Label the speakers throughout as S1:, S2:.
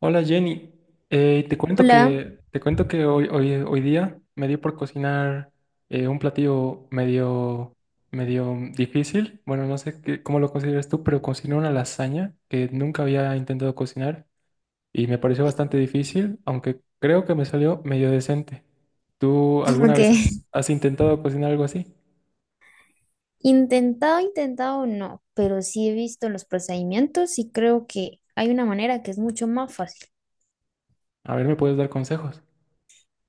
S1: Hola Jenny, te cuento
S2: Hola,
S1: que hoy día me dio por cocinar un platillo medio difícil. Bueno, no sé cómo lo consideras tú, pero cociné una lasaña que nunca había intentado cocinar y me pareció
S2: y
S1: bastante difícil, aunque creo que me salió medio decente. ¿Tú
S2: como
S1: alguna vez
S2: que
S1: has intentado cocinar algo así?
S2: intentado, intentado no, pero sí he visto los procedimientos y creo que hay una manera que es mucho más fácil.
S1: A ver, ¿me puedes dar consejos?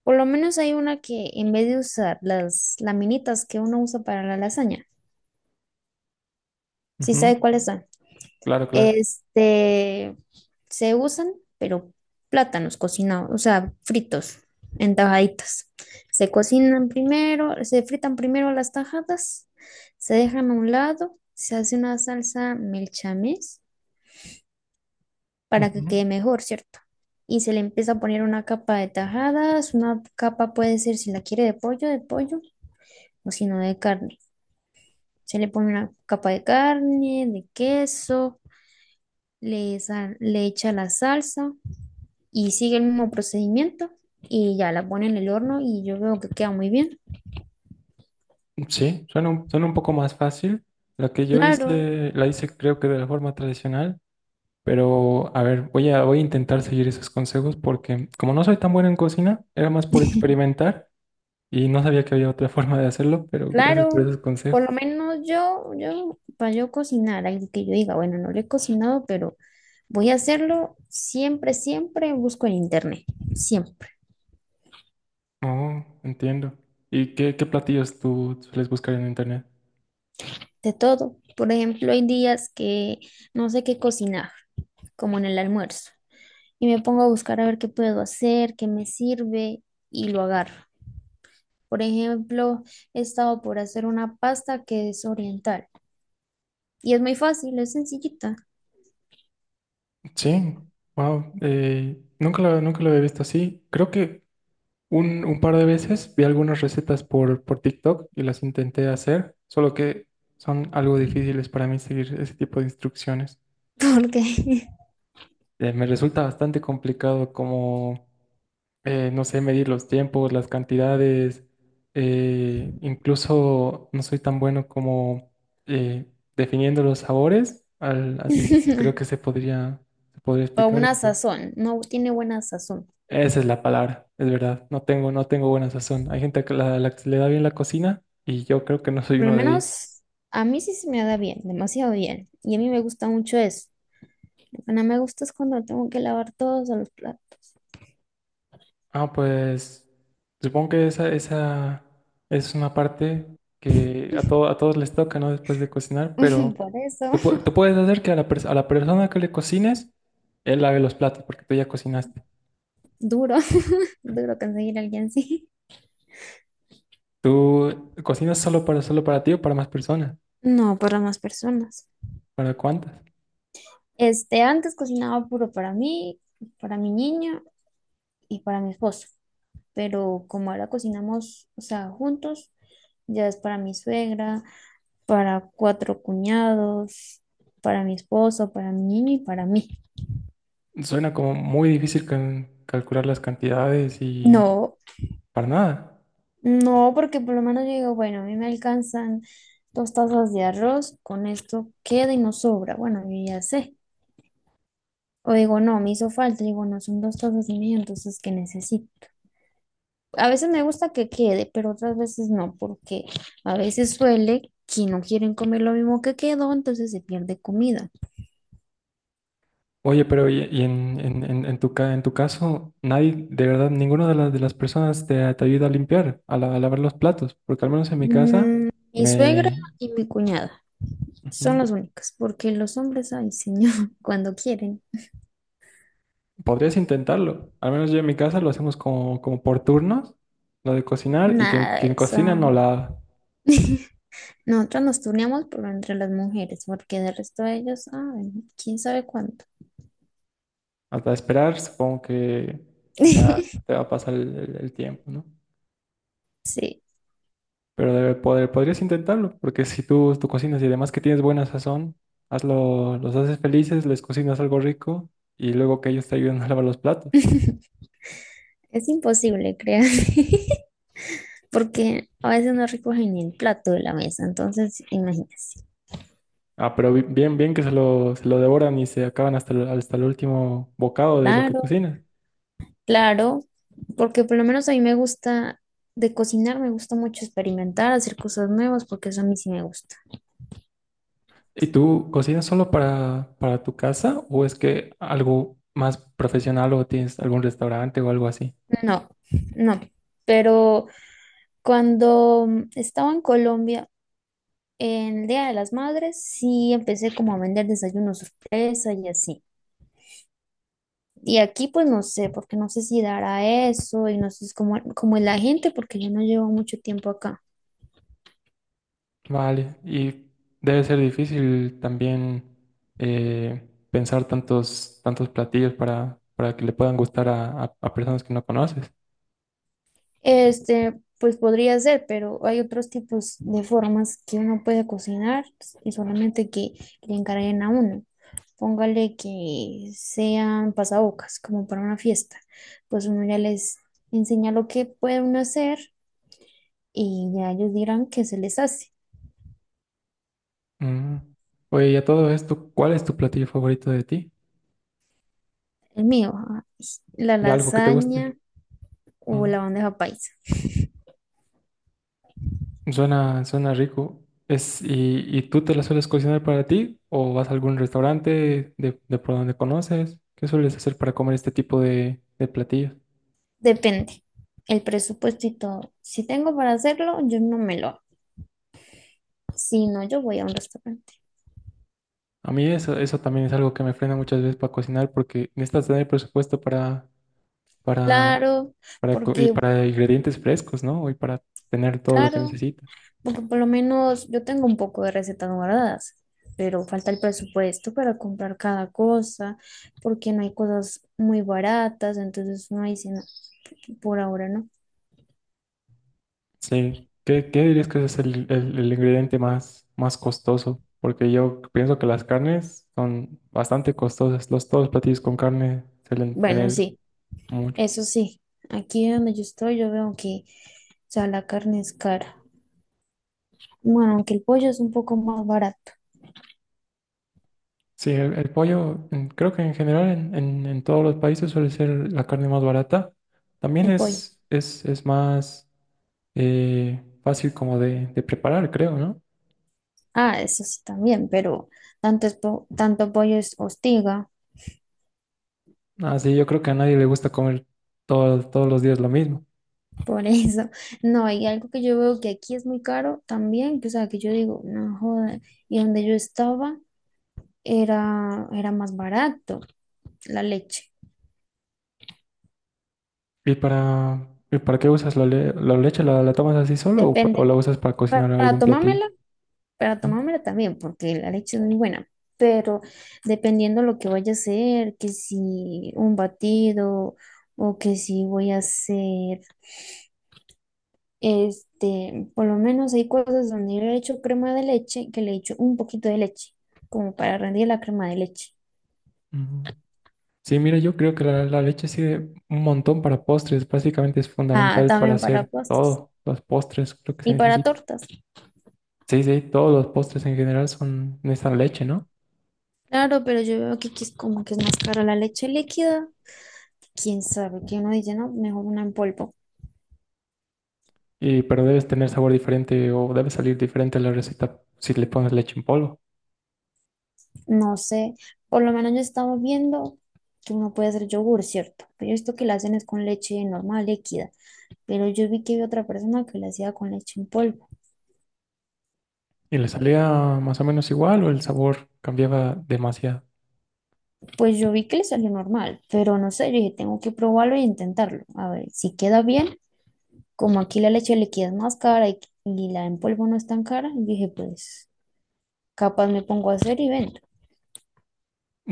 S2: Por lo menos hay una que en vez de usar las laminitas que uno usa para la lasaña, ¿sí
S1: Ujú.
S2: sabe cuáles son?
S1: Claro, claro.
S2: Este, se usan, pero plátanos cocinados, o sea, fritos en tajaditas. Se cocinan primero, se fritan primero las tajadas, se dejan a un lado, se hace una salsa melchames para que quede mejor, ¿cierto? Y se le empieza a poner una capa de tajadas, una capa puede ser si la quiere de pollo, o si no de carne. Se le pone una capa de carne, de queso, le echa la salsa y sigue el mismo procedimiento y ya la pone en el horno y yo veo que queda muy bien.
S1: Sí, suena un poco más fácil. La que yo
S2: Claro,
S1: hice, la hice creo que de la forma tradicional, pero a ver, voy a intentar seguir esos consejos porque como no soy tan bueno en cocina, era más por experimentar y no sabía que había otra forma de hacerlo, pero gracias por
S2: claro.
S1: esos
S2: Por
S1: consejos.
S2: lo menos yo, para yo cocinar, algo que yo diga, bueno, no lo he cocinado, pero voy a hacerlo siempre, siempre busco en internet, siempre,
S1: Oh, entiendo. ¿Y qué platillos tú sueles buscar en internet?
S2: de todo. Por ejemplo, hay días que no sé qué cocinar, como en el almuerzo, y me pongo a buscar a ver qué puedo hacer, qué me sirve y lo agarro. Por ejemplo, he estado por hacer una pasta que es oriental y es muy fácil, es sencillita.
S1: Sí, wow, nunca lo había visto así. Creo que un par de veces vi algunas recetas por TikTok y las intenté hacer, solo que son algo difíciles para mí seguir ese tipo de instrucciones.
S2: Porque
S1: Me resulta bastante complicado como, no sé, medir los tiempos, las cantidades, incluso no soy tan bueno como eh, definiendo los sabores, así sí creo que se podría
S2: o
S1: explicar.
S2: una
S1: Entonces.
S2: sazón, no tiene buena sazón.
S1: Esa es la palabra, es verdad. No tengo buena sazón. Hay gente que la que le da bien la cocina y yo creo que no soy
S2: Por lo
S1: uno de ellos.
S2: menos a mí sí se me da bien, demasiado bien. Y a mí me gusta mucho eso. Lo que no me gusta es cuando tengo que lavar todos los platos.
S1: Ah, pues supongo que esa es una parte que a todos les toca, ¿no? Después de cocinar, pero
S2: Por eso,
S1: tú puedes hacer que a la persona que le cocines, él lave los platos porque tú ya cocinaste.
S2: duro, duro conseguir a alguien así.
S1: ¿Tú cocinas solo para ti o para más personas?
S2: No, para más personas.
S1: ¿Para cuántas?
S2: Este, antes cocinaba puro para mí, para mi niño y para mi esposo. Pero como ahora cocinamos, o sea, juntos, ya es para mi suegra, para cuatro cuñados, para mi esposo, para mi niño y para mí.
S1: Suena como muy difícil calcular las cantidades y
S2: No,
S1: para nada.
S2: no, porque por lo menos yo digo, bueno, a mí me alcanzan 2 tazas de arroz, con esto queda y no sobra. Bueno, yo ya sé. O digo, no, me hizo falta, digo, no, son 2 tazas y media, entonces, ¿qué necesito? A veces me gusta que quede, pero otras veces no, porque a veces suele que no quieren comer lo mismo que quedó, entonces se pierde comida.
S1: Oye, pero en tu caso, nadie, de verdad, ninguna de de las personas te ayuda a limpiar, a lavar los platos, porque al menos en mi casa
S2: Mm, mi suegra
S1: me...
S2: y mi cuñada. Son
S1: Ujú.
S2: los únicos, porque los hombres, ay, señor, cuando quieren.
S1: Podrías intentarlo, al menos yo en mi casa lo hacemos como por turnos, lo de cocinar, y
S2: Nada, de
S1: quien
S2: eso.
S1: cocina no lava.
S2: Nosotros nos turneamos, pero entre las mujeres, porque del resto de ellos, ay, quién sabe cuánto.
S1: Hasta esperar, supongo que ya te va a pasar el tiempo, ¿no?
S2: Sí,
S1: Pero debe poder, podrías intentarlo, porque si tú cocinas y además que tienes buena sazón, hazlo, los haces felices, les cocinas algo rico y luego que ellos te ayuden a lavar los platos.
S2: es imposible, créanme, porque a veces no recogen ni el plato de la mesa, entonces imagínense.
S1: Ah, pero bien, bien que se lo devoran y se acaban hasta hasta el último bocado de lo que
S2: Claro,
S1: cocinas.
S2: claro, porque por lo menos a mí me gusta de cocinar, me gusta mucho experimentar, hacer cosas nuevas, porque eso a mí sí me gusta.
S1: ¿Y tú cocinas para tu casa o es que algo más profesional o tienes algún restaurante o algo así?
S2: No, no, pero cuando estaba en Colombia, en el Día de las Madres, sí empecé como a vender desayunos sorpresa y así. Y aquí pues no sé, porque no sé si dará eso y no sé es cómo, cómo es la gente, porque yo no llevo mucho tiempo acá.
S1: Vale, y debe ser difícil también pensar tantos platillos para que le puedan gustar a, a personas que no conoces.
S2: Este, pues podría ser, pero hay otros tipos de formas que uno puede cocinar y solamente que le encarguen a uno. Póngale que sean pasabocas, como para una fiesta. Pues uno ya les enseña lo que puede uno hacer y ya ellos dirán qué se les hace.
S1: Mm. Oye, y a todo esto, ¿cuál es tu platillo favorito de ti?
S2: El mío, ah, la
S1: ¿De algo que te guste?
S2: lasaña o
S1: Mm.
S2: la bandeja paisa.
S1: Suena, suena rico. Es, y, ¿y tú te la sueles cocinar para ti? ¿O vas a algún restaurante de por donde conoces? ¿Qué sueles hacer para comer este tipo de platillos?
S2: Depende. El presupuesto y todo. Si tengo para hacerlo, yo no me lo hago. Si no, yo voy a un restaurante.
S1: A mí eso también es algo que me frena muchas veces para cocinar porque necesitas tener presupuesto para,
S2: Claro,
S1: para,
S2: porque,
S1: y para ingredientes frescos, ¿no? Y para tener todo lo que
S2: claro,
S1: necesitas.
S2: porque por lo menos yo tengo un poco de recetas guardadas, pero falta el presupuesto para comprar cada cosa, porque no hay cosas muy baratas, entonces uno dice, no, por ahora no.
S1: Sí. Qué dirías que es el, el ingrediente más, más costoso? Porque yo pienso que las carnes son bastante costosas. Los, todos los platillos con carne suelen
S2: Bueno,
S1: tener
S2: sí.
S1: mucho.
S2: Eso sí, aquí donde yo estoy, yo veo que, o sea, la carne es cara. Bueno, aunque el pollo es un poco más barato,
S1: Sí, el pollo, creo que en general en todos los países suele ser la carne más barata. También
S2: el pollo.
S1: es más fácil como de preparar, creo, ¿no?
S2: Ah, eso sí también, pero tanto pollo es hostiga,
S1: Así yo creo que a nadie le gusta comer todos los días lo mismo.
S2: por eso. No, hay algo que yo veo que aquí es muy caro también, que, o sea, que yo digo, no joda. Y donde yo estaba era más barato la leche.
S1: Y para qué usas la leche? La tomas así solo o
S2: Depende.
S1: la usas para cocinar
S2: Para
S1: algún platillo?
S2: tomármela para
S1: Ujú.
S2: tomármela también, porque la leche es muy buena, pero dependiendo lo que vaya a hacer, que si un batido o que si voy a hacer, este, por lo menos hay cosas donde yo le he hecho crema de leche, que le he hecho un poquito de leche, como para rendir la crema de leche.
S1: Ujú. Sí, mira, yo creo que la leche sirve un montón para postres. Básicamente es
S2: Ah,
S1: fundamental para
S2: también para
S1: hacer
S2: postres
S1: todos los postres, creo que se
S2: y para
S1: necesita.
S2: tortas.
S1: Sí, sí, todos los postres en general son necesitan leche, ¿no?
S2: Claro, pero yo veo que aquí es como que es más cara la leche líquida. Quién sabe, que uno dice, no, mejor una en polvo.
S1: Y, pero debes tener sabor diferente o debe salir diferente la receta si le pones leche en polvo.
S2: No sé, por lo menos ya estamos viendo que uno puede hacer yogur, ¿cierto? Pero esto que la hacen es con leche normal, líquida. Pero yo vi que había otra persona que la hacía con leche en polvo.
S1: ¿Y le salía más o menos igual o el sabor cambiaba demasiado?
S2: Pues yo vi que le salió normal, pero no sé, yo dije, tengo que probarlo e intentarlo. A ver, si queda bien, como aquí la leche líquida es más cara y la en polvo no es tan cara, yo dije, pues capaz me pongo a hacer y vendo.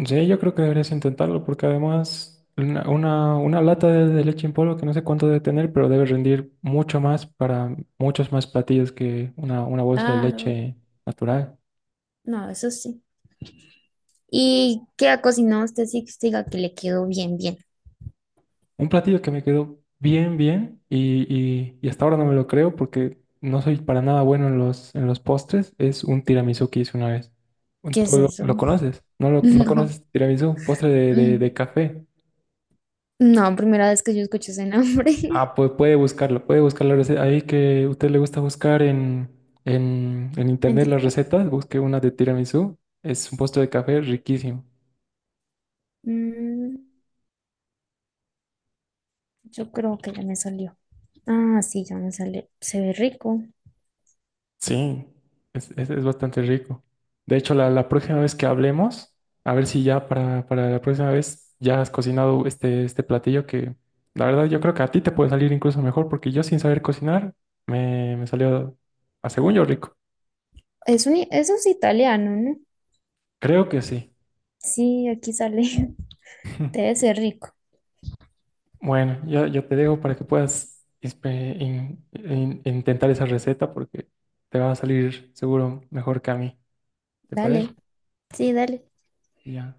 S1: Sí, yo creo que deberías intentarlo porque además una lata de leche en polvo que no sé cuánto debe tener, pero debe rendir mucho más para muchos más platillos que una bolsa de
S2: Claro.
S1: leche natural.
S2: No, eso sí. ¿Y qué ha cocinado usted sí que usted diga que le quedó bien, bien?
S1: Un platillo que me quedó bien, bien y, y hasta ahora no me lo creo porque no soy para nada bueno en los postres es un tiramisú que hice una vez.
S2: ¿Qué es
S1: ¿Tú
S2: eso?
S1: lo conoces? ¿No, no conoces tiramisú? Postre de,
S2: No.
S1: de café.
S2: No, primera vez que yo escucho ese nombre
S1: Ah, pues puede buscarlo, puede buscar la receta. Ahí que a usted le gusta buscar en
S2: en
S1: internet las
S2: TikTok.
S1: recetas, busque una de tiramisú. Es un postre de café riquísimo.
S2: Mm, yo creo que ya me salió. Ah, sí, ya me sale. Se ve rico.
S1: Sí, es bastante rico. De hecho, la próxima vez que hablemos, a ver si ya para la próxima vez ya has cocinado este platillo que la verdad yo creo que a ti te puede salir incluso mejor porque yo sin saber cocinar me salió a según yo rico.
S2: Es un, eso es italiano, ¿no?
S1: Creo que sí.
S2: Sí, aquí sale. Debe ser rico.
S1: Bueno, yo te dejo para que puedas intentar esa receta porque te va a salir seguro mejor que a mí. ¿Te parece?
S2: Dale. Sí, dale.
S1: Ya.